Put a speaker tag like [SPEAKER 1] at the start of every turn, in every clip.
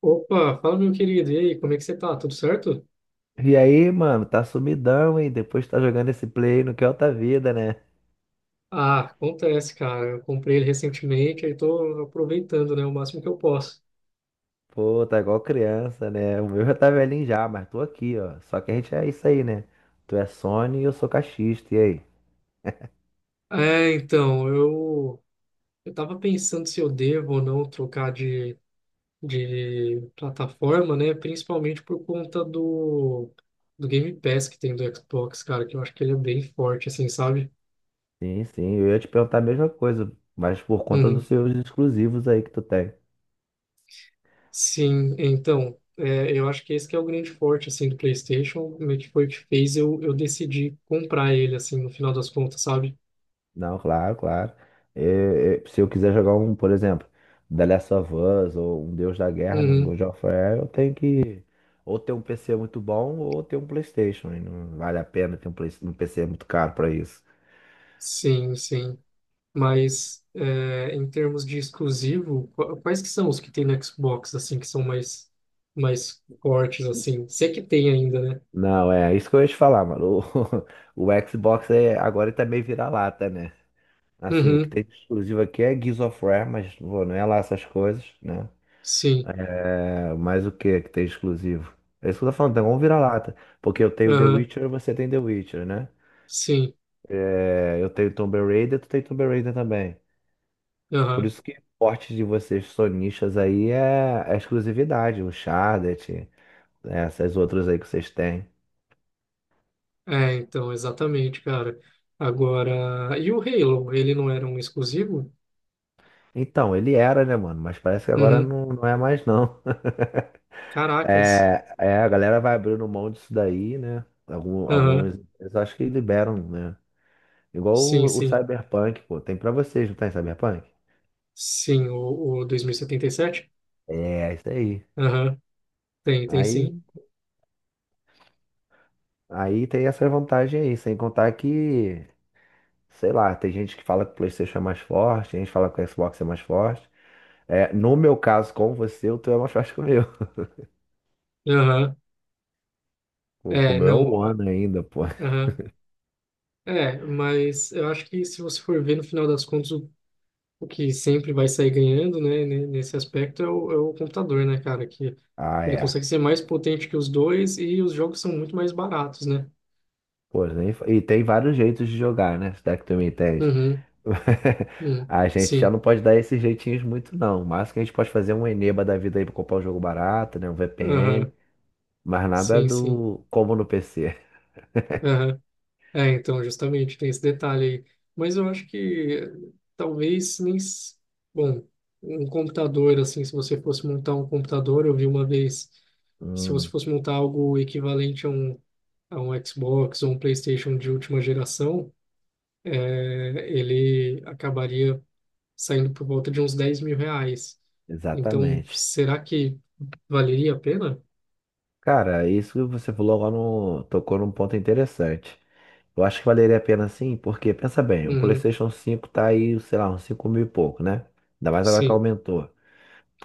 [SPEAKER 1] Opa, fala meu querido, e aí, como é que você tá? Tudo certo?
[SPEAKER 2] E aí, mano, tá sumidão, hein? Depois tá jogando esse play no que é outra vida, né?
[SPEAKER 1] Ah, acontece, cara. Eu comprei ele recentemente, aí tô aproveitando, né, o máximo que eu posso.
[SPEAKER 2] Pô, tá igual criança, né? O meu já tá velhinho já, mas tô aqui, ó. Só que a gente é isso aí, né? Tu é Sony e eu sou caixista, e aí?
[SPEAKER 1] É, então, eu tava pensando se eu devo ou não trocar de plataforma, né, principalmente por conta do Game Pass que tem do Xbox, cara, que eu acho que ele é bem forte assim, sabe?
[SPEAKER 2] Sim, sim, eu ia te perguntar a mesma coisa, mas por conta
[SPEAKER 1] Uhum.
[SPEAKER 2] dos seus exclusivos aí que tu tem.
[SPEAKER 1] Sim, então, é, eu acho que esse que é o grande forte, assim, do PlayStation, meio que foi o que fez eu decidir comprar ele, assim, no final das contas, sabe?
[SPEAKER 2] Não, claro, claro. É, é, se eu quiser jogar um, por exemplo, The Last of Us ou um Deus da Guerra, né, um
[SPEAKER 1] Uhum,
[SPEAKER 2] God of War, eu tenho que ou ter um PC muito bom ou ter um PlayStation. E não vale a pena ter um, um PC muito caro pra isso.
[SPEAKER 1] sim, sim. Mas, é, em termos de exclusivo, quais que são os que tem no Xbox, assim, que são mais fortes, assim? Se é que tem ainda, né?
[SPEAKER 2] Não, é isso que eu ia te falar, mano. O, o Xbox é, agora ele tá meio vira-lata, né? Assim, o que
[SPEAKER 1] Uhum,
[SPEAKER 2] tem de exclusivo aqui é Gears of War, mas pô, não é lá essas coisas, né?
[SPEAKER 1] sim,
[SPEAKER 2] É, mas o que que tem exclusivo? É isso que eu tô falando, tem um vira-lata. Porque eu tenho The
[SPEAKER 1] aham,
[SPEAKER 2] Witcher, você tem The Witcher, né?
[SPEAKER 1] sim,
[SPEAKER 2] É, eu tenho Tomb Raider, tu tem Tomb Raider também. Por
[SPEAKER 1] aham.
[SPEAKER 2] isso que o forte de vocês sonistas aí é é a exclusividade, o Chardet, né, essas outras aí que vocês têm.
[SPEAKER 1] É, então, exatamente, cara. Agora, e o Halo, ele não era um exclusivo?
[SPEAKER 2] Então, ele era, né, mano? Mas parece que agora
[SPEAKER 1] Uhum.
[SPEAKER 2] não, não é mais, não.
[SPEAKER 1] Caracas.
[SPEAKER 2] É, é, a galera vai abrindo mão disso daí, né?
[SPEAKER 1] Aham.
[SPEAKER 2] Alguns, eu acho que liberam, né? Igual
[SPEAKER 1] Sim,
[SPEAKER 2] o
[SPEAKER 1] sim.
[SPEAKER 2] Cyberpunk, pô. Tem pra vocês, não tem Cyberpunk?
[SPEAKER 1] Sim, o 2077?
[SPEAKER 2] É, isso aí.
[SPEAKER 1] Aham. Tem, tem
[SPEAKER 2] Aí,
[SPEAKER 1] sim.
[SPEAKER 2] aí tem essa vantagem aí, sem contar que, sei lá, tem gente que fala que o PlayStation é mais forte, tem gente que fala que o Xbox é mais forte. É, no meu caso, com você, o teu é mais forte que o meu.
[SPEAKER 1] Aham.
[SPEAKER 2] O
[SPEAKER 1] É,
[SPEAKER 2] meu é o
[SPEAKER 1] não.
[SPEAKER 2] One ainda, pô.
[SPEAKER 1] Aham. É, mas eu acho que se você for ver no final das contas, o que sempre vai sair ganhando, né, nesse aspecto é é o computador, né, cara? Que
[SPEAKER 2] Ah,
[SPEAKER 1] ele
[SPEAKER 2] é.
[SPEAKER 1] consegue ser mais potente que os dois e os jogos são muito mais baratos, né?
[SPEAKER 2] Pô, nem, e tem vários jeitos de jogar, né? Se é que tu me entende.
[SPEAKER 1] Uhum. Uhum.
[SPEAKER 2] A gente já
[SPEAKER 1] Sim.
[SPEAKER 2] não pode dar esses jeitinhos muito, não. O máximo que a gente pode fazer é um Eneba da vida aí pra comprar um jogo barato, né? Um
[SPEAKER 1] Aham.
[SPEAKER 2] VPN. Mas nada
[SPEAKER 1] Sim, sim.
[SPEAKER 2] do como no PC.
[SPEAKER 1] Aham. É, então, justamente, tem esse detalhe aí. Mas eu acho que eh, talvez nem. S- Bom, um computador, assim, se você fosse montar um computador, eu vi uma vez, se você
[SPEAKER 2] Hum,
[SPEAKER 1] fosse montar algo equivalente a a um Xbox ou um PlayStation de última geração, ele acabaria saindo por volta de uns 10 mil reais. Então,
[SPEAKER 2] Exatamente.
[SPEAKER 1] será que valeria a pena?
[SPEAKER 2] Cara, isso que você falou agora tocou num ponto interessante. Eu acho que valeria a pena sim, porque pensa bem, o
[SPEAKER 1] Uhum,
[SPEAKER 2] PlayStation 5 tá aí, sei lá, uns 5 mil e pouco, né? Ainda mais agora que
[SPEAKER 1] sim,
[SPEAKER 2] aumentou.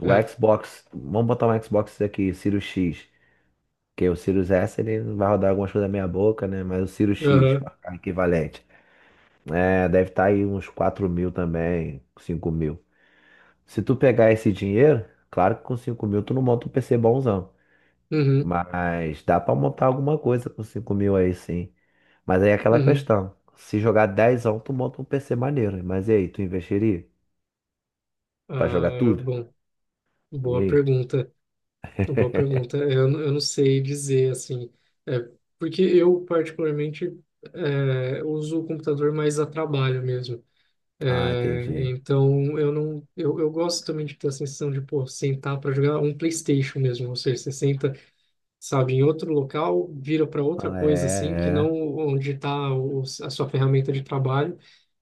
[SPEAKER 2] O
[SPEAKER 1] é.
[SPEAKER 2] Xbox, vamos botar um Xbox aqui, Sirius X, que o Sirius S ele vai rodar algumas coisas na minha boca, né? Mas o Sirius X,
[SPEAKER 1] Aham,
[SPEAKER 2] pra ficar equivalente, é, deve estar aí uns 4 mil também, 5 mil. Se tu pegar esse dinheiro, claro que com 5 mil tu não monta um PC bonzão.
[SPEAKER 1] uhum,
[SPEAKER 2] Mas dá pra montar alguma coisa com 5 mil aí sim. Mas aí é aquela
[SPEAKER 1] uhum.
[SPEAKER 2] questão. Se jogar 10, tu monta um PC maneiro. Mas e aí, tu investiria pra jogar
[SPEAKER 1] Ah,
[SPEAKER 2] tudo?
[SPEAKER 1] bom.
[SPEAKER 2] E
[SPEAKER 1] Boa
[SPEAKER 2] aí?
[SPEAKER 1] pergunta, boa pergunta. É, eu não sei dizer assim, é, porque eu particularmente uso o computador mais a trabalho mesmo.
[SPEAKER 2] Ah,
[SPEAKER 1] É,
[SPEAKER 2] entendi.
[SPEAKER 1] então eu não, eu gosto também de ter a sensação de pô, sentar para jogar um PlayStation mesmo, ou seja, você senta, sabe, em outro local, vira para outra
[SPEAKER 2] Ah,
[SPEAKER 1] coisa assim, que
[SPEAKER 2] é,
[SPEAKER 1] não
[SPEAKER 2] é.
[SPEAKER 1] onde está a sua ferramenta de trabalho.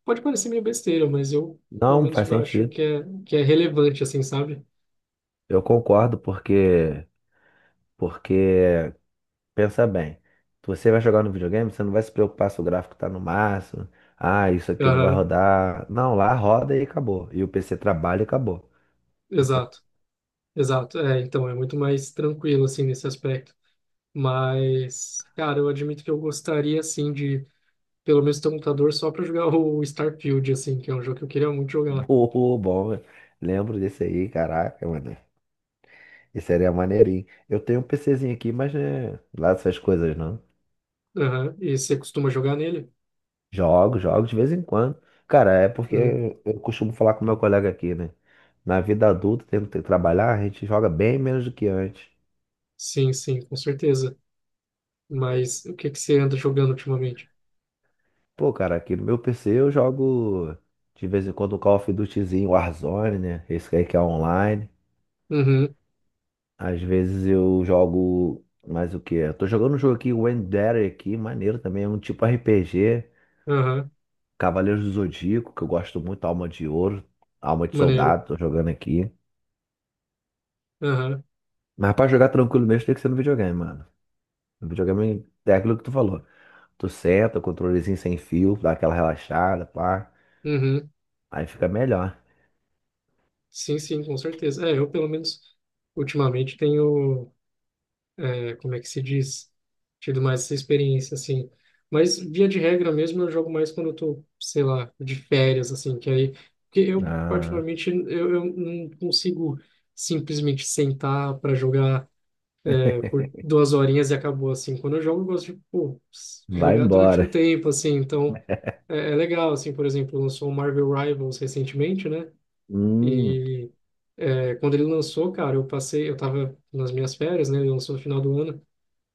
[SPEAKER 1] Pode parecer meio besteira, mas eu pelo
[SPEAKER 2] Não,
[SPEAKER 1] menos
[SPEAKER 2] faz
[SPEAKER 1] acho
[SPEAKER 2] sentido.
[SPEAKER 1] que é relevante assim, sabe?
[SPEAKER 2] Eu concordo porque pensa bem. Se você vai jogar no videogame, você não vai se preocupar se o gráfico tá no máximo. Ah, isso aqui não vai
[SPEAKER 1] Aham,
[SPEAKER 2] rodar. Não, lá roda e acabou. E o PC trabalha e acabou.
[SPEAKER 1] exato. Exato, é, então é muito mais tranquilo assim nesse aspecto. Mas, cara, eu admito que eu gostaria assim de pelo menos ter um computador só para jogar o Starfield assim, que é um jogo que eu queria muito jogar.
[SPEAKER 2] Boa, bom. Lembro desse aí, caraca, mano. Esse era maneirinho. Eu tenho um PCzinho aqui, mas né, lá essas coisas não.
[SPEAKER 1] Aham, e você costuma jogar nele?
[SPEAKER 2] Jogo, jogo de vez em quando. Cara, é porque
[SPEAKER 1] Uhum.
[SPEAKER 2] eu costumo falar com meu colega aqui, né? Na vida adulta, tendo que trabalhar, a gente joga bem menos do que antes.
[SPEAKER 1] Sim, sim, com certeza. Mas o que que você anda jogando ultimamente?
[SPEAKER 2] Pô, cara, aqui no meu PC eu jogo de vez em quando um Call of Dutyzinho, Warzone, né? Esse aí que é online.
[SPEAKER 1] Uhum.
[SPEAKER 2] Às vezes eu jogo mais o quê? Eu tô jogando um jogo aqui, o Wendere aqui, maneiro também, é um tipo RPG,
[SPEAKER 1] Aham.
[SPEAKER 2] Cavaleiros do Zodíaco, que eu gosto muito, Alma de Ouro, Alma de
[SPEAKER 1] Maneiro.
[SPEAKER 2] Soldado, tô jogando aqui.
[SPEAKER 1] Aham.
[SPEAKER 2] Mas pra jogar tranquilo mesmo tem que ser no videogame, mano. No videogame é aquilo que tu falou. Tu senta, controlezinho sem fio, dá aquela relaxada, pá.
[SPEAKER 1] Uhum.
[SPEAKER 2] Aí fica melhor.
[SPEAKER 1] Sim, sim, com certeza. É, eu pelo menos ultimamente tenho como é que se diz? Tido mais essa experiência, assim. Mas, via de regra mesmo, eu jogo mais quando eu tô, sei lá, de férias, assim, que aí... Porque eu,
[SPEAKER 2] Ah,
[SPEAKER 1] particularmente, eu não consigo simplesmente sentar para jogar por duas horinhas e acabou, assim. Quando eu jogo, eu gosto de, pô,
[SPEAKER 2] vai
[SPEAKER 1] jogar durante um
[SPEAKER 2] embora.
[SPEAKER 1] tempo, assim, então... É, é legal, assim, por exemplo, lançou o Marvel Rivals recentemente, né?
[SPEAKER 2] Hum,
[SPEAKER 1] E... É, quando ele lançou, cara, eu passei, eu tava nas minhas férias, né? Ele lançou no final do ano.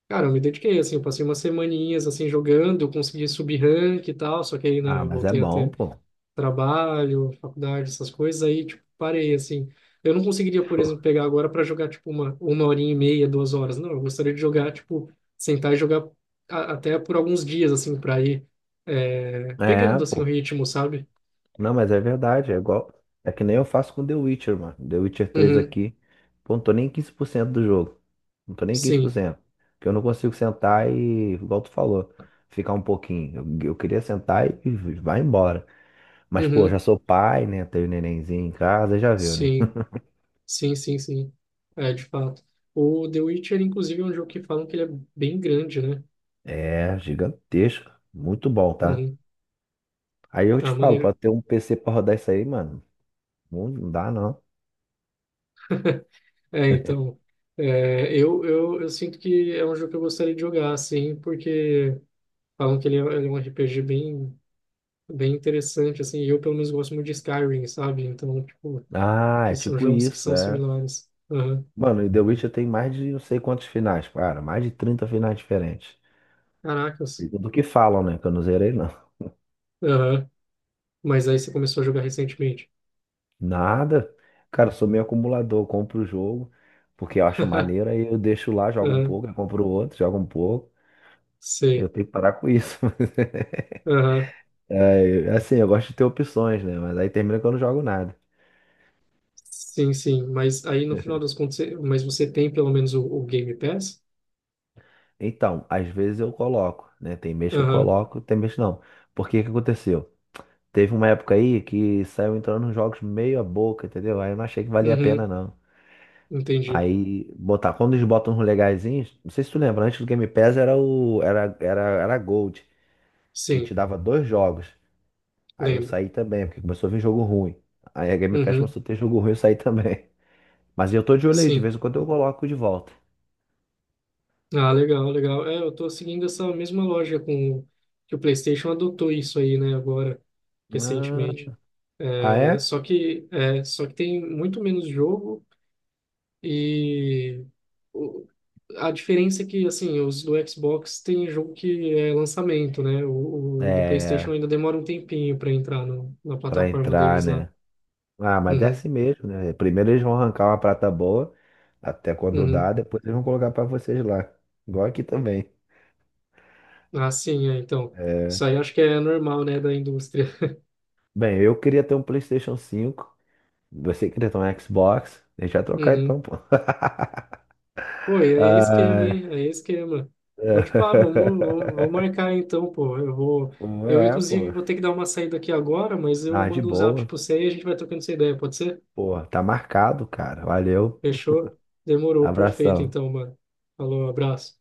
[SPEAKER 1] Cara, eu me dediquei, assim, eu passei umas semaninhas, assim, jogando, eu consegui subir rank e tal, só que aí,
[SPEAKER 2] ah,
[SPEAKER 1] né,
[SPEAKER 2] mas é
[SPEAKER 1] voltei a
[SPEAKER 2] bom,
[SPEAKER 1] ter
[SPEAKER 2] pô.
[SPEAKER 1] trabalho, faculdade, essas coisas, aí, tipo, parei, assim. Eu não conseguiria, por
[SPEAKER 2] Pô,
[SPEAKER 1] exemplo, pegar agora para jogar, tipo, uma horinha e meia, duas horas, não, eu gostaria de jogar, tipo, sentar e jogar até por alguns dias, assim, para ir
[SPEAKER 2] é,
[SPEAKER 1] pegando, assim, o
[SPEAKER 2] pô.
[SPEAKER 1] ritmo, sabe?
[SPEAKER 2] Não, mas é verdade. É igual. É que nem eu faço com The Witcher, mano. The Witcher três
[SPEAKER 1] Uhum,
[SPEAKER 2] aqui. Pô, não tô nem em 15% do jogo. Não tô nem em quinze por
[SPEAKER 1] sim,
[SPEAKER 2] cento. Porque eu não consigo sentar e, igual tu falou, ficar um pouquinho. Eu queria sentar e vai embora. Mas, pô, já
[SPEAKER 1] uhum,
[SPEAKER 2] sou pai, né? Tenho um nenenzinho em casa, já viu, né?
[SPEAKER 1] sim, sim, sim, sim, é, de fato. O The Witcher, inclusive, é um jogo que falam que ele é bem grande, né?
[SPEAKER 2] É, gigantesco. Muito bom, tá?
[SPEAKER 1] Uhum.
[SPEAKER 2] Aí eu te
[SPEAKER 1] Ah,
[SPEAKER 2] falo,
[SPEAKER 1] maneiro.
[SPEAKER 2] pra ter um PC pra rodar isso aí, mano, não dá não.
[SPEAKER 1] É, então, é, eu sinto que é um jogo que eu gostaria de jogar, assim, porque falam que ele é um RPG bem interessante, assim, e eu pelo menos gosto muito de Skyrim, sabe? Então, tipo,
[SPEAKER 2] Ah, é
[SPEAKER 1] esses são
[SPEAKER 2] tipo
[SPEAKER 1] jogos que
[SPEAKER 2] isso,
[SPEAKER 1] são
[SPEAKER 2] é.
[SPEAKER 1] similares. Aham.
[SPEAKER 2] Mano, e The Witcher tem mais de não sei quantos finais, cara. Mais de 30 finais diferentes. E
[SPEAKER 1] Caracas.
[SPEAKER 2] tudo que falam, né? Que eu não zerei, não.
[SPEAKER 1] Aham. Mas aí você começou a jogar recentemente.
[SPEAKER 2] Nada. Cara, eu sou meio acumulador. Eu compro o jogo, porque eu acho maneiro, aí eu deixo lá, jogo um
[SPEAKER 1] Aham.
[SPEAKER 2] pouco, aí compro outro, jogo um pouco. Eu
[SPEAKER 1] Sei.
[SPEAKER 2] tenho que parar com isso.
[SPEAKER 1] Aham.
[SPEAKER 2] É, assim, eu gosto de ter opções, né? Mas aí termina que eu não jogo nada.
[SPEAKER 1] Sim, sim. Mas aí no final das contas, você- mas você tem pelo menos o Game Pass?
[SPEAKER 2] Então, às vezes eu coloco, né? Tem mês que eu
[SPEAKER 1] Aham.
[SPEAKER 2] coloco, tem mês que não. Por que que aconteceu? Teve uma época aí que saiu entrando nos jogos meio a boca, entendeu? Aí eu não achei que valia a pena,
[SPEAKER 1] Uhum.
[SPEAKER 2] não.
[SPEAKER 1] Entendi.
[SPEAKER 2] Aí botar, quando eles botam uns legaisinhos, não sei se tu lembra, antes do Game Pass era era Gold, que
[SPEAKER 1] Sim,
[SPEAKER 2] te dava 2 jogos. Aí eu
[SPEAKER 1] lembro.
[SPEAKER 2] saí também, porque começou a vir jogo ruim. Aí a Game Pass
[SPEAKER 1] Uhum.
[SPEAKER 2] começou a ter jogo ruim, eu saí também. Mas eu tô de olho aí, de
[SPEAKER 1] Sim.
[SPEAKER 2] vez em quando eu coloco de volta.
[SPEAKER 1] Ah, legal, legal. É, eu tô seguindo essa mesma loja com que o PlayStation adotou isso aí, né, agora,
[SPEAKER 2] Ah,
[SPEAKER 1] recentemente.
[SPEAKER 2] ah, é?
[SPEAKER 1] É, só que tem muito menos jogo e o- a diferença é que assim, os do Xbox tem jogo que é lançamento, né? O do PlayStation
[SPEAKER 2] É,
[SPEAKER 1] ainda demora um tempinho para entrar no, na
[SPEAKER 2] pra
[SPEAKER 1] plataforma
[SPEAKER 2] entrar,
[SPEAKER 1] deles lá.
[SPEAKER 2] né? Ah, mas
[SPEAKER 1] Uhum,
[SPEAKER 2] desce mesmo, né? Primeiro eles vão arrancar uma prata boa, até quando
[SPEAKER 1] uhum.
[SPEAKER 2] dá, depois eles vão colocar pra vocês lá. Igual aqui também.
[SPEAKER 1] Ah, sim, é, então.
[SPEAKER 2] É.
[SPEAKER 1] Isso aí acho que é normal, né, da indústria.
[SPEAKER 2] Bem, eu queria ter um PlayStation 5, você queria ter um Xbox, deixa eu trocar então, pô.
[SPEAKER 1] Pô, e aí é esquema,
[SPEAKER 2] Ah,
[SPEAKER 1] hein? Aí é esquema. Pô, tipo, ah, vamos marcar então, pô. Eu vou. Eu,
[SPEAKER 2] é,
[SPEAKER 1] inclusive,
[SPEAKER 2] pô.
[SPEAKER 1] vou ter que dar uma saída aqui agora, mas eu
[SPEAKER 2] Ah, de
[SPEAKER 1] mando um zap
[SPEAKER 2] boa.
[SPEAKER 1] pra você e a gente vai trocando essa ideia, pode ser?
[SPEAKER 2] Pô, tá marcado, cara. Valeu.
[SPEAKER 1] Fechou? Demorou, perfeito
[SPEAKER 2] Abração.
[SPEAKER 1] então, mano. Falou, abraço.